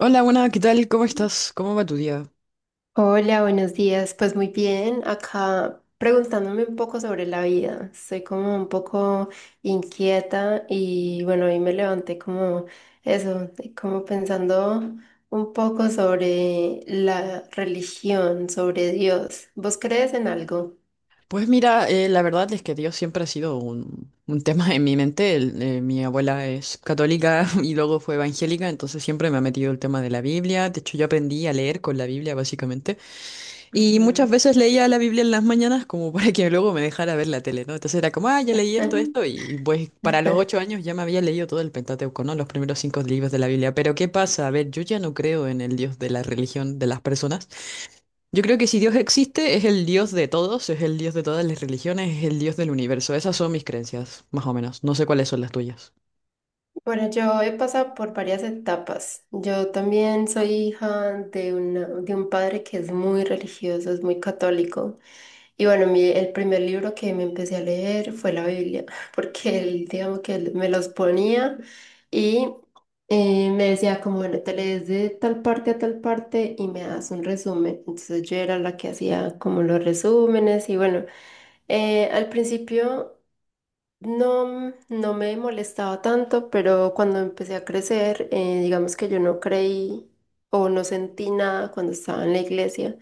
Hola, buenas, ¿qué tal? ¿Cómo estás? ¿Cómo va tu día? Hola, buenos días. Pues muy bien, acá preguntándome un poco sobre la vida. Estoy como un poco inquieta y bueno, hoy me levanté como eso, como pensando un poco sobre la religión, sobre Dios. ¿Vos crees en algo? Pues mira, la verdad es que Dios siempre ha sido un tema en mi mente. Mi abuela es católica y luego fue evangélica, entonces siempre me ha metido el tema de la Biblia. De hecho, yo aprendí a leer con la Biblia, básicamente. Y muchas Ujú. veces leía la Biblia en las mañanas como para que luego me dejara ver la tele, ¿no? Entonces era como, ah, ya leí esto, Ujú. esto, y pues para los 8 años ya me había leído todo el Pentateuco, ¿no? Los primeros cinco libros de la Biblia. Pero ¿qué pasa? A ver, yo ya no creo en el Dios de la religión de las personas. Yo creo que si Dios existe, es el Dios de todos, es el Dios de todas las religiones, es el Dios del universo. Esas son mis creencias, más o menos. No sé cuáles son las tuyas. Bueno, yo he pasado por varias etapas. Yo también soy hija de de un padre que es muy religioso, es muy católico. Y bueno, el primer libro que me empecé a leer fue la Biblia, porque él, digamos que él me los ponía y me decía como, bueno, te lees de tal parte a tal parte y me das un resumen. Entonces yo era la que hacía como los resúmenes y bueno, al principio no, no me molestaba tanto, pero cuando empecé a crecer, digamos que yo no creí o no sentí nada cuando estaba en la iglesia.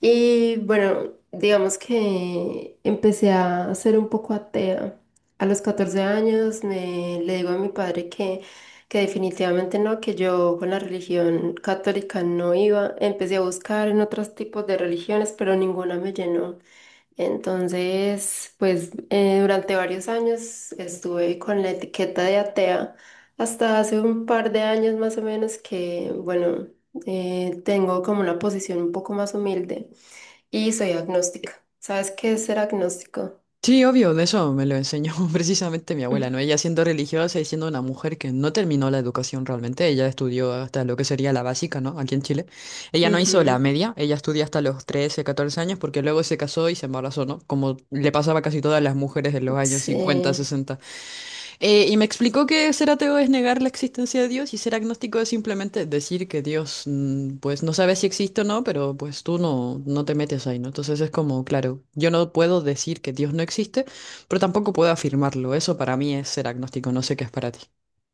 Y bueno, digamos que empecé a ser un poco atea. A los 14 años le digo a mi padre que definitivamente no, que yo con la religión católica no iba. Empecé a buscar en otros tipos de religiones, pero ninguna me llenó. Entonces, pues durante varios años estuve con la etiqueta de atea hasta hace un par de años más o menos que, bueno, tengo como una posición un poco más humilde. Y soy agnóstica. ¿Sabes qué es ser agnóstico? Sí, obvio, de eso me lo enseñó precisamente mi abuela, ¿no? Ella siendo religiosa y siendo una mujer que no terminó la educación realmente, ella estudió hasta lo que sería la básica, ¿no? Aquí en Chile. Ella no hizo la Ujú. media, ella estudió hasta los 13, 14 años porque luego se casó y se embarazó, ¿no? Como le pasaba a casi todas las mujeres en los años 50, Sí. 60. Y me explicó que ser ateo es negar la existencia de Dios y ser agnóstico es simplemente decir que Dios, pues no sabe si existe o no, pero pues tú no te metes ahí, ¿no? Entonces es como, claro, yo no puedo decir que Dios no existe, pero tampoco puedo afirmarlo. Eso para mí es ser agnóstico, no sé qué es para ti.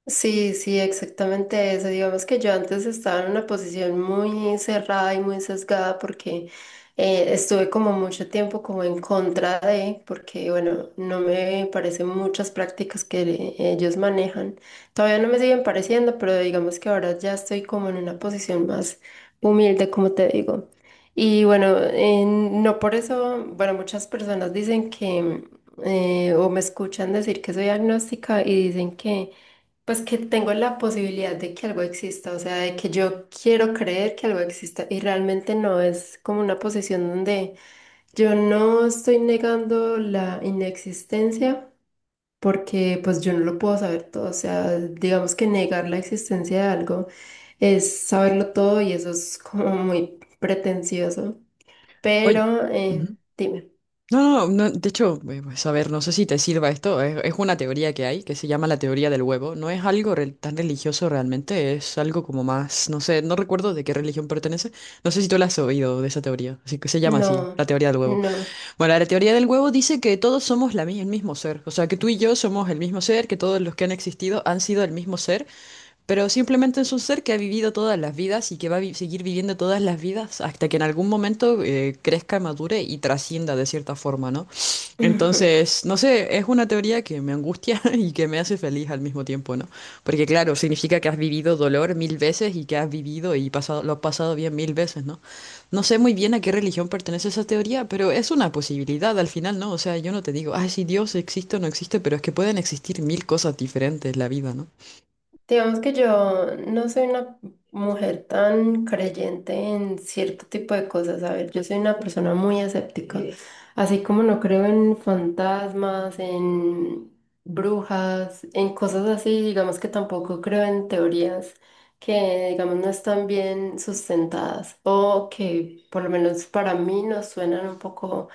Sí, sí, exactamente eso. Digamos que yo antes estaba en una posición muy cerrada y muy sesgada porque estuve como mucho tiempo como en contra de, porque bueno, no me parecen muchas prácticas que ellos manejan. Todavía no me siguen pareciendo, pero digamos que ahora ya estoy como en una posición más humilde, como te digo. Y bueno, no por eso, bueno, muchas personas dicen o me escuchan decir que soy agnóstica y dicen que pues que tengo la posibilidad de que algo exista, o sea, de que yo quiero creer que algo exista y realmente no es como una posición donde yo no estoy negando la inexistencia porque pues yo no lo puedo saber todo, o sea, digamos que negar la existencia de algo es saberlo todo y eso es como muy pretencioso, Oye. pero dime, No, no, no, de hecho, pues, a ver, no sé si te sirva esto, es una teoría que hay que se llama la teoría del huevo, no es algo tan religioso realmente, es algo como más, no sé, no recuerdo de qué religión pertenece, no sé si tú la has oído de esa teoría, así que se llama así, la no, teoría del huevo. no. Bueno, la teoría del huevo dice que todos somos el mismo ser, o sea, que tú y yo somos el mismo ser, que todos los que han existido han sido el mismo ser, pero simplemente es un ser que ha vivido todas las vidas y que va a seguir viviendo todas las vidas hasta que en algún momento crezca, madure y trascienda de cierta forma, ¿no? Entonces, no sé, es una teoría que me angustia y que me hace feliz al mismo tiempo, ¿no? Porque claro, significa que has vivido dolor mil veces y que has vivido y pasado, lo has pasado bien mil veces, ¿no? No sé muy bien a qué religión pertenece esa teoría, pero es una posibilidad al final, ¿no? O sea, yo no te digo, ay, si Dios existe o no existe, pero es que pueden existir mil cosas diferentes en la vida, ¿no? Digamos que yo no soy una mujer tan creyente en cierto tipo de cosas. A ver, yo soy una persona muy escéptica. Sí. Así como no creo en fantasmas, en brujas, en cosas así, digamos que tampoco creo en teorías que, digamos, no están bien sustentadas o que por lo menos para mí nos suenan un poco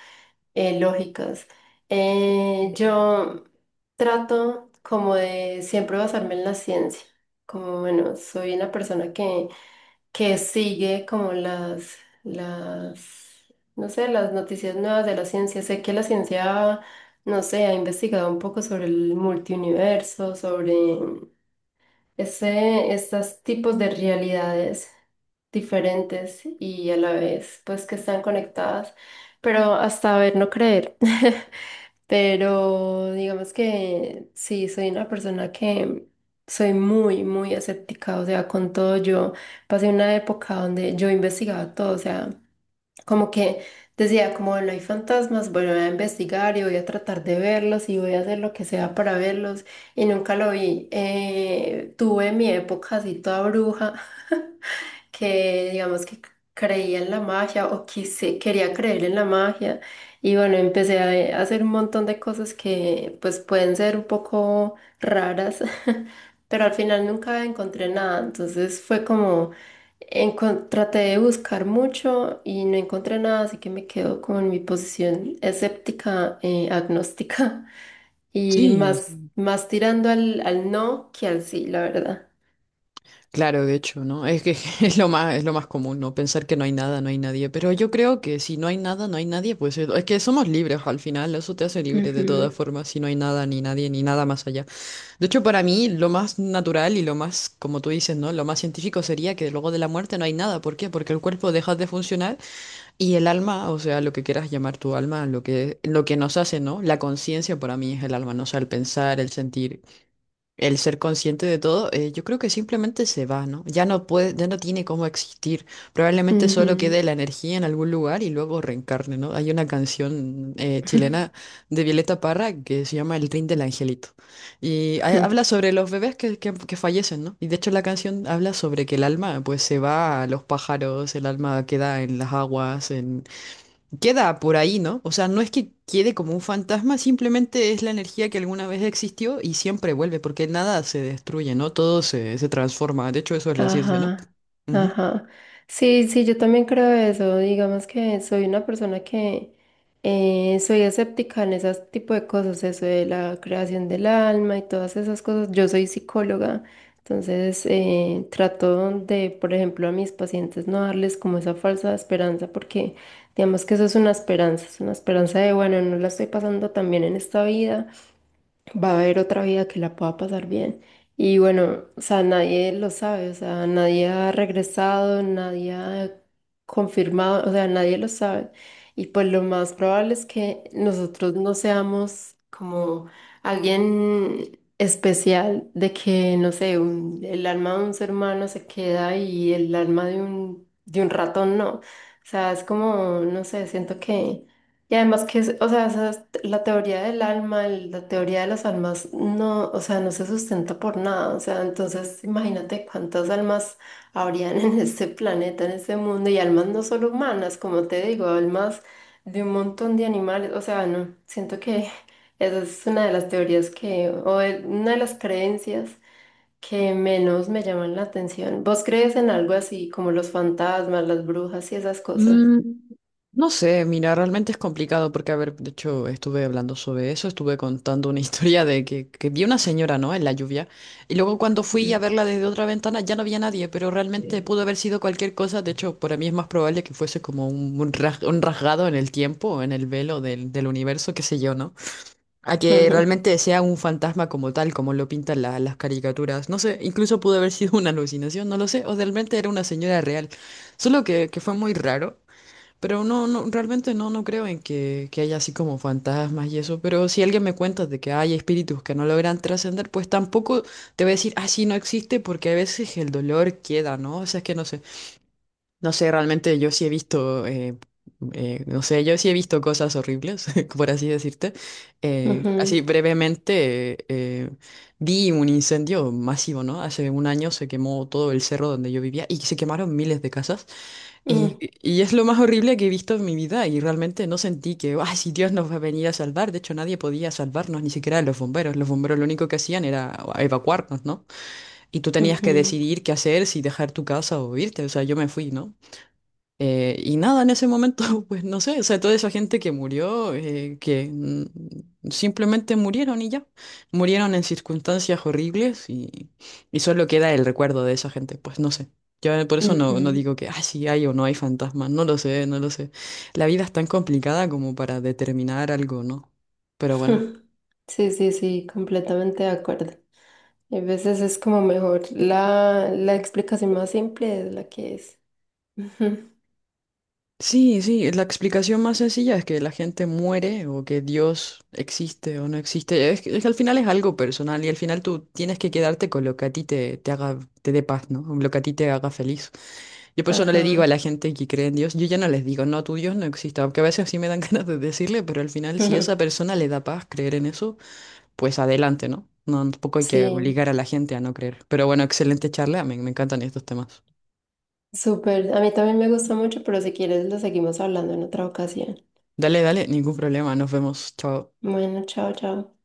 lógicas. Yo trato como de siempre basarme en la ciencia, como bueno, soy una persona que sigue como las, no sé, las noticias nuevas de la ciencia. Sé que la ciencia, no sé, ha investigado un poco sobre el multiuniverso, sobre estos tipos de realidades diferentes y a la vez pues que están conectadas, pero hasta ver no creer. Pero digamos que sí, soy una persona que soy muy, muy escéptica, o sea, con todo yo pasé una época donde yo investigaba todo, o sea, como que decía, como no hay fantasmas, bueno, voy a investigar y voy a tratar de verlos y voy a hacer lo que sea para verlos y nunca lo vi. Tuve mi época así toda bruja. Que digamos que creía en la magia o quise, quería creer en la magia y bueno, empecé a hacer un montón de cosas que pues pueden ser un poco raras, pero al final nunca encontré nada, entonces fue como traté de buscar mucho y no encontré nada, así que me quedo como en mi posición escéptica, agnóstica, y Sí, más, más tirando al, al no que al sí, la verdad. claro, de hecho, ¿no? Es que es lo más común, ¿no? Pensar que no hay nada, no hay nadie. Pero yo creo que si no hay nada, no hay nadie, pues es que somos libres al final, eso te hace libre de todas formas, si no hay nada, ni nadie, ni nada más allá. De hecho, para mí, lo más natural y lo más, como tú dices, ¿no? Lo más científico sería que luego de la muerte no hay nada. ¿Por qué? Porque el cuerpo deja de funcionar y el alma, o sea, lo que quieras llamar tu alma, lo que nos hace, ¿no? La conciencia para mí es el alma, ¿no? O sea, el pensar, el sentir. El ser consciente de todo, yo creo que simplemente se va, ¿no? Ya no puede, ya no tiene cómo existir. Ujú, Probablemente solo ujú. quede la energía en algún lugar y luego reencarne, ¿no? Hay una canción chilena de Violeta Parra que se llama El Rin del Angelito. Y Ujú. habla sobre los bebés que fallecen, ¿no? Y de hecho la canción habla sobre que el alma pues se va a los pájaros, el alma queda en las aguas, queda por ahí, ¿no? O sea, no es que quede como un fantasma, simplemente es la energía que alguna vez existió y siempre vuelve, porque nada se destruye, ¿no? Todo se, se transforma. De hecho, eso es la ciencia, ¿no? Ajá, Ujú. ajá. Sí, sí, yo también creo eso. Digamos que soy una persona que soy escéptica en ese tipo de cosas, eso de la creación del alma y todas esas cosas. Yo soy psicóloga, entonces trato de, por ejemplo, a mis pacientes no darles como esa falsa esperanza, porque digamos que eso es una esperanza de, bueno, no la estoy pasando tan bien en esta vida va a haber otra vida que la pueda pasar bien. Y bueno, o sea, nadie lo sabe, o sea, nadie ha regresado, nadie ha confirmado, o sea, nadie lo sabe. Y pues lo más probable es que nosotros no seamos como alguien especial, de que, no sé, el alma de un ser humano se queda y el alma de un ratón no. O sea, es como, no sé, siento que... Y además que, o sea, la teoría del alma, la teoría de las almas, no, o sea, no se sustenta por nada. O sea, entonces imagínate cuántas almas habrían en este planeta, en este mundo, y almas no solo humanas, como te digo, almas de un montón de animales. O sea, no, siento que esa es una de las teorías que, o de- una de las creencias que menos me llaman la atención. ¿Vos crees en algo así como los fantasmas, las brujas y esas cosas? Mm, no sé, mira, realmente es complicado porque, a ver, de hecho, estuve hablando sobre eso, estuve contando una historia de que vi una señora, ¿no? En la lluvia. Y luego cuando fui a Mm. verla desde otra ventana ya no había nadie, pero realmente pudo haber sido cualquier cosa. De hecho, para mí es más probable que fuese como un rasgado en el tiempo, en el velo del universo, qué sé yo, ¿no? A que Mm. realmente sea un fantasma como tal, como lo pintan las caricaturas. No sé, incluso pudo haber sido una alucinación, no lo sé, o realmente era una señora real. Solo que fue muy raro. Pero no, no, realmente no creo en que haya así como fantasmas y eso. Pero si alguien me cuenta de que hay espíritus que no logran trascender, pues tampoco te voy a decir, ah, sí, no existe, porque a veces el dolor queda, ¿no? O sea, es que no sé. No sé, realmente yo sí he visto, no sé, yo sí he visto cosas horribles, por así decirte. Ujú, Así ujú, brevemente, vi un incendio masivo, ¿no? Hace un año se quemó todo el cerro donde yo vivía y se quemaron miles de casas. Ujú. Y es lo más horrible que he visto en mi vida y realmente no sentí que, ay, si Dios nos va a venir a salvar, de hecho nadie podía salvarnos, ni siquiera los bomberos lo único que hacían era evacuarnos, ¿no? Y tú tenías que Ujú, decidir qué hacer, si dejar tu casa o irte, o sea, yo me fui, ¿no? Y nada, en ese momento, pues no sé, o sea, toda esa gente que murió, que simplemente murieron y ya, murieron en circunstancias horribles y solo queda el recuerdo de esa gente, pues no sé. Yo por eso no ujú. digo que, ah, sí hay o no hay fantasmas, no lo sé, no lo sé. La vida es tan complicada como para determinar algo, ¿no? Pero bueno. Sí, sí, sí, completamente de acuerdo. A veces es como mejor la, la explicación más simple es la que es. Ujú. Sí, sí, la explicación más sencilla es que la gente muere o que Dios existe o no existe. Es que al final es algo personal y al final tú tienes que quedarte con lo que a ti te haga, te dé paz, ¿no? Lo que a ti te haga feliz. Yo por eso no le digo a la Ajá. gente que cree en Dios, yo ya no les digo, no, tu Dios no existe, aunque a veces sí me dan ganas de decirle, pero al final si a esa Ujú. persona le da paz creer en eso, pues adelante, ¿no? No, tampoco hay que Sí, obligar a la gente a no creer. Pero bueno, excelente charla, me encantan estos temas. súper. A mí también me gustó mucho, pero si quieres lo seguimos hablando en otra ocasión. Dale, dale, ningún problema, nos vemos, chao. Bueno, chao, chao.